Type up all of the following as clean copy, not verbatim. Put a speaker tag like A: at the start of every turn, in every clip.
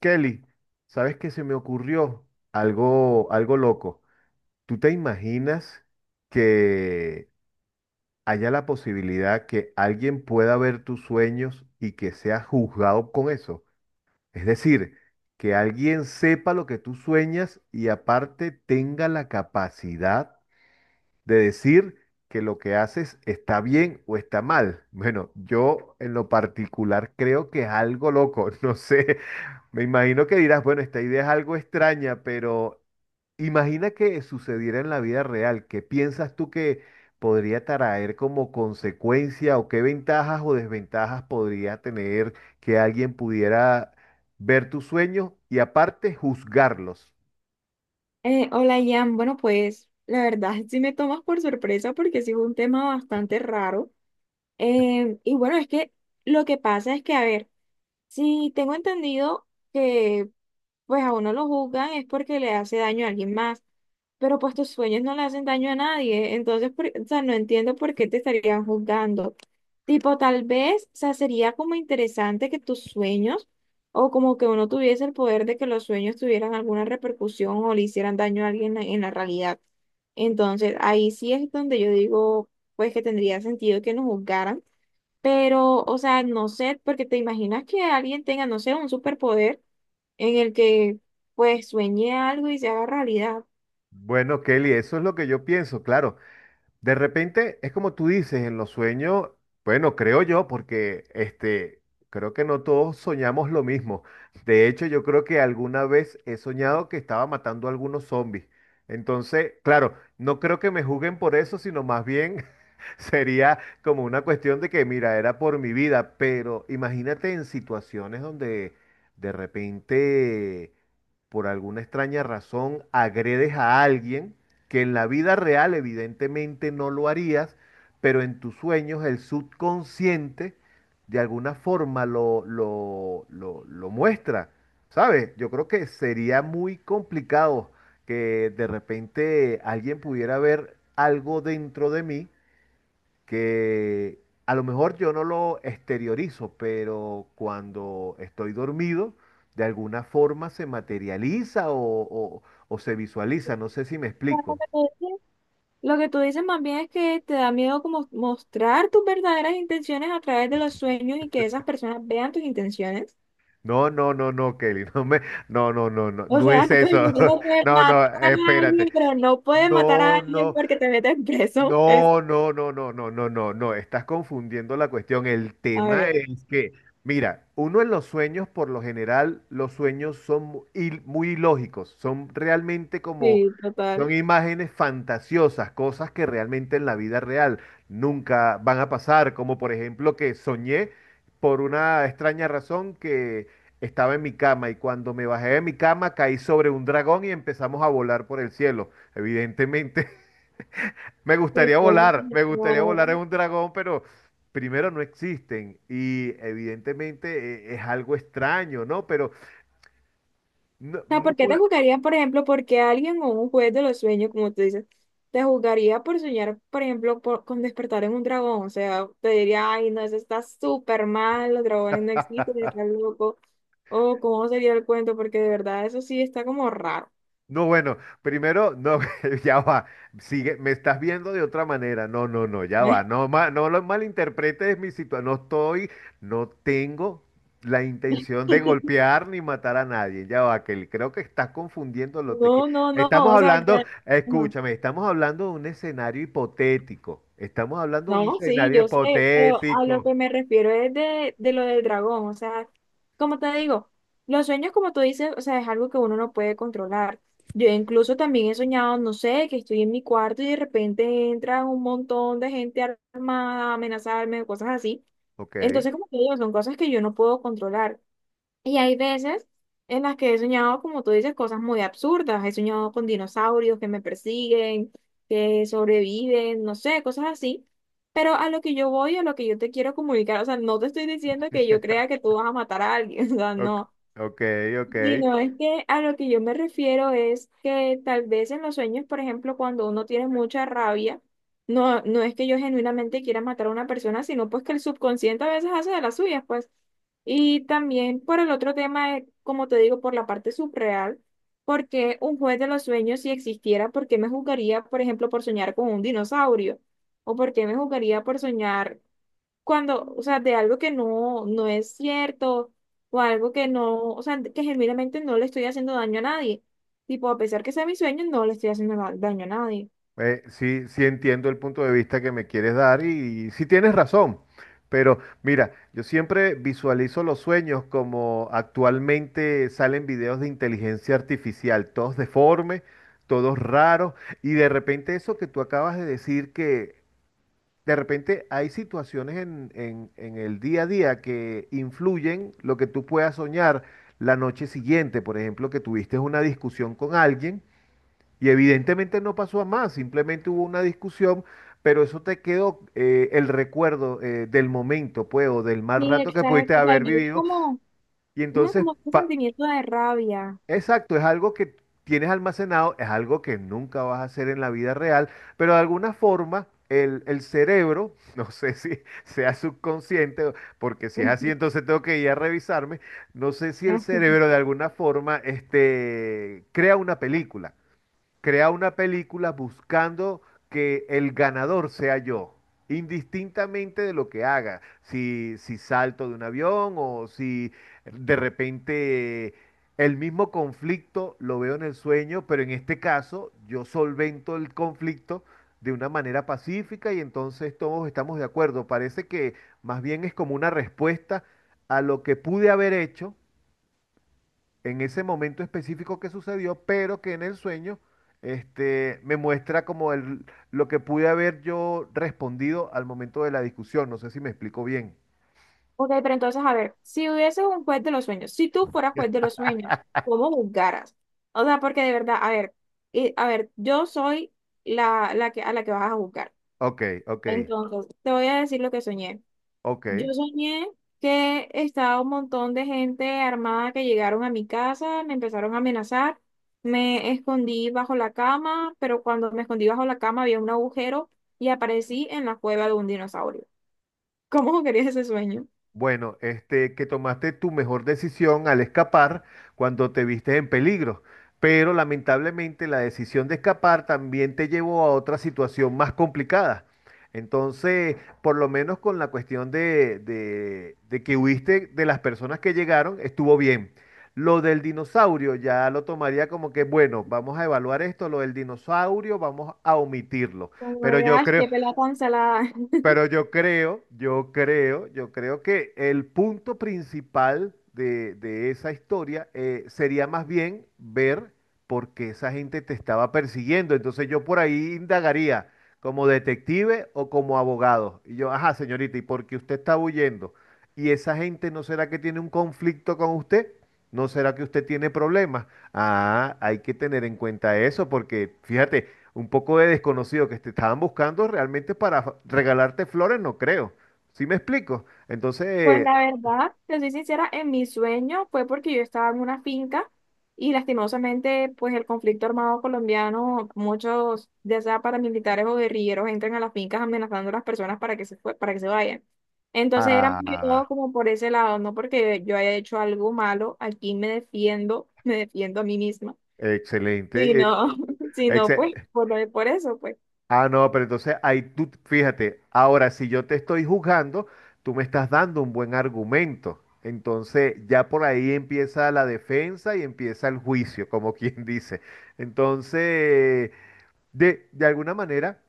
A: Kelly, ¿sabes qué se me ocurrió? Algo, algo loco. ¿Tú te imaginas que haya la posibilidad que alguien pueda ver tus sueños y que sea juzgado con eso? Es decir, que alguien sepa lo que tú sueñas y aparte tenga la capacidad de decir que lo que haces está bien o está mal. Bueno, yo en lo particular creo que es algo loco, no sé, me imagino que dirás, bueno, esta idea es algo extraña, pero imagina que sucediera en la vida real, ¿qué piensas tú que podría traer como consecuencia o qué ventajas o desventajas podría tener que alguien pudiera ver tus sueños y aparte juzgarlos?
B: Hola, Ian. Bueno, pues la verdad sí me tomas por sorpresa porque sí fue un tema bastante raro. Y bueno, es que lo que pasa es que, a ver, si tengo entendido que pues a uno lo juzgan es porque le hace daño a alguien más, pero pues tus sueños no le hacen daño a nadie, entonces, o sea, no entiendo por qué te estarían juzgando. Tipo, tal vez, o sea, sería como interesante que tus sueños, o como que uno tuviese el poder de que los sueños tuvieran alguna repercusión o le hicieran daño a alguien en la realidad. Entonces, ahí sí es donde yo digo, pues que tendría sentido que nos juzgaran, pero, o sea, no sé, porque te imaginas que alguien tenga, no sé, un superpoder en el que pues sueñe algo y se haga realidad.
A: Bueno, Kelly, eso es lo que yo pienso, claro. De repente, es como tú dices, en los sueños, bueno, creo yo, porque este, creo que no todos soñamos lo mismo. De hecho, yo creo que alguna vez he soñado que estaba matando a algunos zombies. Entonces, claro, no creo que me juzguen por eso, sino más bien sería como una cuestión de que, mira, era por mi vida, pero imagínate en situaciones donde de repente, por alguna extraña razón, agredes a alguien que en la vida real evidentemente no lo harías, pero en tus sueños el subconsciente de alguna forma lo muestra. ¿Sabes? Yo creo que sería muy complicado que de repente alguien pudiera ver algo dentro de mí que a lo mejor yo no lo exteriorizo, pero cuando estoy dormido, de alguna forma se materializa o o se visualiza. No sé si me
B: Pero Lo
A: explico.
B: que tú dices lo que tú dices más bien es que te da miedo como mostrar tus verdaderas intenciones a través de los sueños y que esas personas vean tus intenciones.
A: No, no, no, no, Kelly, no me, no, no, no, no,
B: O
A: no
B: sea,
A: es
B: tu
A: eso.
B: intención es
A: No,
B: matar
A: no,
B: a
A: espérate.
B: alguien, pero no puedes matar a
A: No,
B: alguien
A: no.
B: porque te metes preso. Es,
A: No, no, no, no, no, no, no, no, estás confundiendo la cuestión. El
B: a
A: tema
B: ver,
A: es que, mira, uno en los sueños, por lo general, los sueños son muy ilógicos, son realmente como,
B: sí, total.
A: son imágenes fantasiosas, cosas que realmente en la vida real nunca van a pasar, como por ejemplo que soñé por una extraña razón que estaba en mi cama y cuando me bajé de mi cama caí sobre un dragón y empezamos a volar por el cielo. Evidentemente.
B: Sí,
A: Me gustaría
B: yo-
A: volar en un dragón, pero primero no existen y evidentemente es algo extraño, ¿no? Pero no,
B: sea, ¿por qué te juzgarían, por ejemplo, porque alguien o un juez de los sueños, como tú dices, te juzgaría por soñar, por ejemplo, con despertar en un dragón? O sea, te diría, ay, no, eso está súper mal, los dragones no existen, está loco. O cómo sería el cuento, porque de verdad eso sí está como raro.
A: No, bueno, primero, no, ya va, sigue, me estás viendo de otra manera, no, no, no, ya va, no, no lo malinterpretes mi situación, no estoy, no tengo la intención de golpear ni matar a nadie, ya va, que creo que estás confundiendo lo te que...
B: No, no, no,
A: Estamos
B: o sea,
A: hablando,
B: ya.
A: escúchame, estamos hablando de un escenario hipotético, estamos hablando de un
B: No, sí,
A: escenario
B: yo sé, pero a lo
A: hipotético,
B: que me refiero es de lo del dragón, o sea, como te digo, los sueños, como tú dices, o sea, es algo que uno no puede controlar. Yo incluso también he soñado, no sé, que estoy en mi cuarto y de repente entra un montón de gente armada a amenazarme, cosas así.
A: ok,
B: Entonces, como te digo, son cosas que yo no puedo controlar. Y hay veces en las que he soñado, como tú dices, cosas muy absurdas. He soñado con dinosaurios que me persiguen, que sobreviven, no sé, cosas así. Pero a lo que yo voy, a lo que yo te quiero comunicar, o sea, no te estoy diciendo que yo crea que tú vas a matar a alguien, o sea,
A: ok,
B: no.
A: ok, ok.
B: Sí, no, es que a lo que yo me refiero es que tal vez en los sueños, por ejemplo, cuando uno tiene mucha rabia, no, no es que yo genuinamente quiera matar a una persona, sino pues que el subconsciente a veces hace de las suyas, pues. Y también por el otro tema, como te digo, por la parte subreal, porque un juez de los sueños, si existiera, ¿por qué me juzgaría, por ejemplo, por soñar con un dinosaurio? ¿O por qué me juzgaría por soñar cuando, o sea, de algo que no, no es cierto o algo que no, o sea, que genuinamente no le estoy haciendo daño a nadie? Tipo, a pesar que sea mi sueño, no le estoy haciendo daño a nadie.
A: Sí, sí entiendo el punto de vista que me quieres dar y sí tienes razón, pero mira, yo siempre visualizo los sueños como actualmente salen videos de inteligencia artificial, todos deformes, todos raros, y de repente eso que tú acabas de decir que de repente hay situaciones en, en el día a día que influyen lo que tú puedas soñar la noche siguiente, por ejemplo, que tuviste una discusión con alguien. Y evidentemente no pasó a más, simplemente hubo una discusión, pero eso te quedó el recuerdo del momento, pues, o del mal
B: Sí,
A: rato que pudiste
B: exacto, tal
A: haber
B: vez
A: vivido.
B: como,
A: Y
B: no,
A: entonces,
B: como un sentimiento de rabia.
A: exacto, es algo que tienes almacenado, es algo que nunca vas a hacer en la vida real, pero de alguna forma el cerebro, no sé si sea subconsciente, o- porque si es así, entonces tengo que ir a revisarme, no sé si el cerebro de alguna forma este, crea una película. Crea una película buscando que el ganador sea yo, indistintamente de lo que haga, si, si salto de un avión o si de repente el mismo conflicto lo veo en el sueño, pero en este caso yo solvento el conflicto de una manera pacífica y entonces todos estamos de acuerdo. Parece que más bien es como una respuesta a lo que pude haber hecho en ese momento específico que sucedió, pero que en el sueño este, me muestra como el, lo que pude haber yo respondido al momento de la discusión. No sé si me explico bien.
B: Ok, pero entonces, a ver, si hubieses un juez de los sueños, si tú fueras juez de los sueños, ¿cómo juzgaras? O sea, porque de verdad, a ver, yo soy la, la que, a la que vas a juzgar.
A: Ok, ok,
B: Entonces, te voy a decir lo que soñé. Yo
A: ok.
B: soñé que estaba un montón de gente armada que llegaron a mi casa, me empezaron a amenazar, me escondí bajo la cama, pero cuando me escondí bajo la cama había un agujero y aparecí en la cueva de un dinosaurio. ¿Cómo querías ese sueño?
A: Bueno, este, que tomaste tu mejor decisión al escapar cuando te viste en peligro, pero lamentablemente la decisión de escapar también te llevó a otra situación más complicada. Entonces, por lo menos con la cuestión de, de que huiste de las personas que llegaron, estuvo bien. Lo del dinosaurio ya lo tomaría como que, bueno, vamos a evaluar esto, lo del dinosaurio vamos a omitirlo.
B: Como
A: Pero
B: de,
A: yo
B: "Ay,
A: creo,
B: qué pelea tan salada".
A: pero yo creo, yo creo, yo creo que el punto principal de esa historia sería más bien ver por qué esa gente te estaba persiguiendo. Entonces yo por ahí indagaría como detective o como abogado. Y yo, ajá, señorita, ¿y por qué usted está huyendo? ¿Y esa gente no será que tiene un conflicto con usted? ¿No será que usted tiene problemas? Ah, hay que tener en cuenta eso porque, fíjate, un poco de desconocido que te estaban buscando realmente para regalarte flores, no creo. ¿Sí me explico? Entonces,
B: Pues la verdad, te soy sincera, en mi sueño fue porque yo estaba en una finca y lastimosamente pues el conflicto armado colombiano, muchos ya sea paramilitares o guerrilleros entran a las fincas amenazando a las personas para que para que se vayan. Entonces era más que
A: ah,
B: todo como por ese lado, no porque yo haya hecho algo malo, aquí me defiendo, me defiendo a mí misma.
A: excelente.
B: Si no, si no,
A: Exce-
B: pues por, por eso, pues.
A: ah, no, pero entonces ahí tú, fíjate, ahora si yo te estoy juzgando, tú me estás dando un buen argumento. Entonces, ya por ahí empieza la defensa y empieza el juicio, como quien dice. Entonces, de alguna manera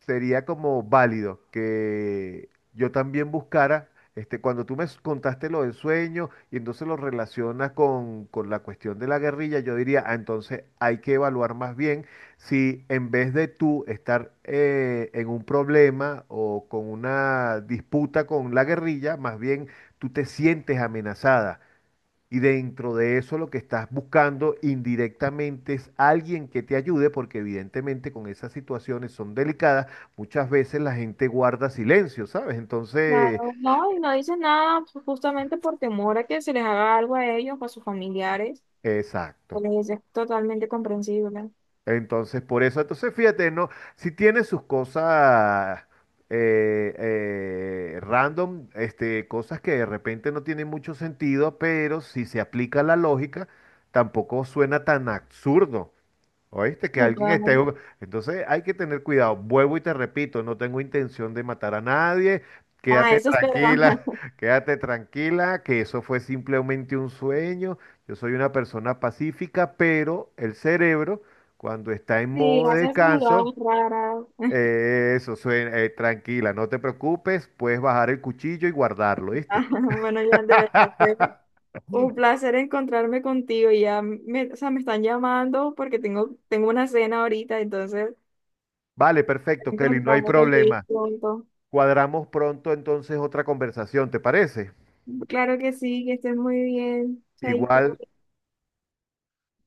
A: sería como válido que yo también buscara, este, cuando tú me contaste lo del sueño y entonces lo relacionas con la cuestión de la guerrilla, yo diría, ah, entonces hay que evaluar más bien si en vez de tú estar en un problema o con una disputa con la guerrilla, más bien tú te sientes amenazada. Y dentro de eso lo que estás buscando indirectamente es alguien que te ayude, porque evidentemente con esas situaciones son delicadas, muchas veces la gente guarda silencio, ¿sabes? Entonces,
B: Claro, no, y no dicen nada pues, justamente por temor a que se les haga algo a ellos o a sus familiares.
A: exacto.
B: Pues, es totalmente comprensible.
A: Entonces, por eso, entonces fíjate, no, si tiene sus cosas random, este, cosas que de repente no tienen mucho sentido, pero si se aplica la lógica, tampoco suena tan absurdo. Oíste que alguien esté
B: Total.
A: jugando. Entonces hay que tener cuidado. Vuelvo y te repito, no tengo intención de matar a nadie.
B: Ah,
A: Quédate
B: eso espero.
A: tranquila, quédate tranquila, que eso fue simplemente un sueño. Yo soy una persona pacífica, pero el cerebro, cuando está en
B: Sí,
A: modo de
B: haces
A: descanso,
B: miradas raras.
A: eso suena, tranquila, no te preocupes, puedes bajar el cuchillo y guardarlo, ¿viste?
B: Ah, bueno, ya de verdad fue un placer encontrarme contigo. Ya me, o sea, me están llamando porque tengo, una cena ahorita, entonces
A: Vale, perfecto, Kelly, no hay
B: encontrarme contigo
A: problema.
B: pronto.
A: Cuadramos pronto entonces otra conversación, ¿te parece?
B: Claro que sí, que estés muy bien. Chaito.
A: Igual.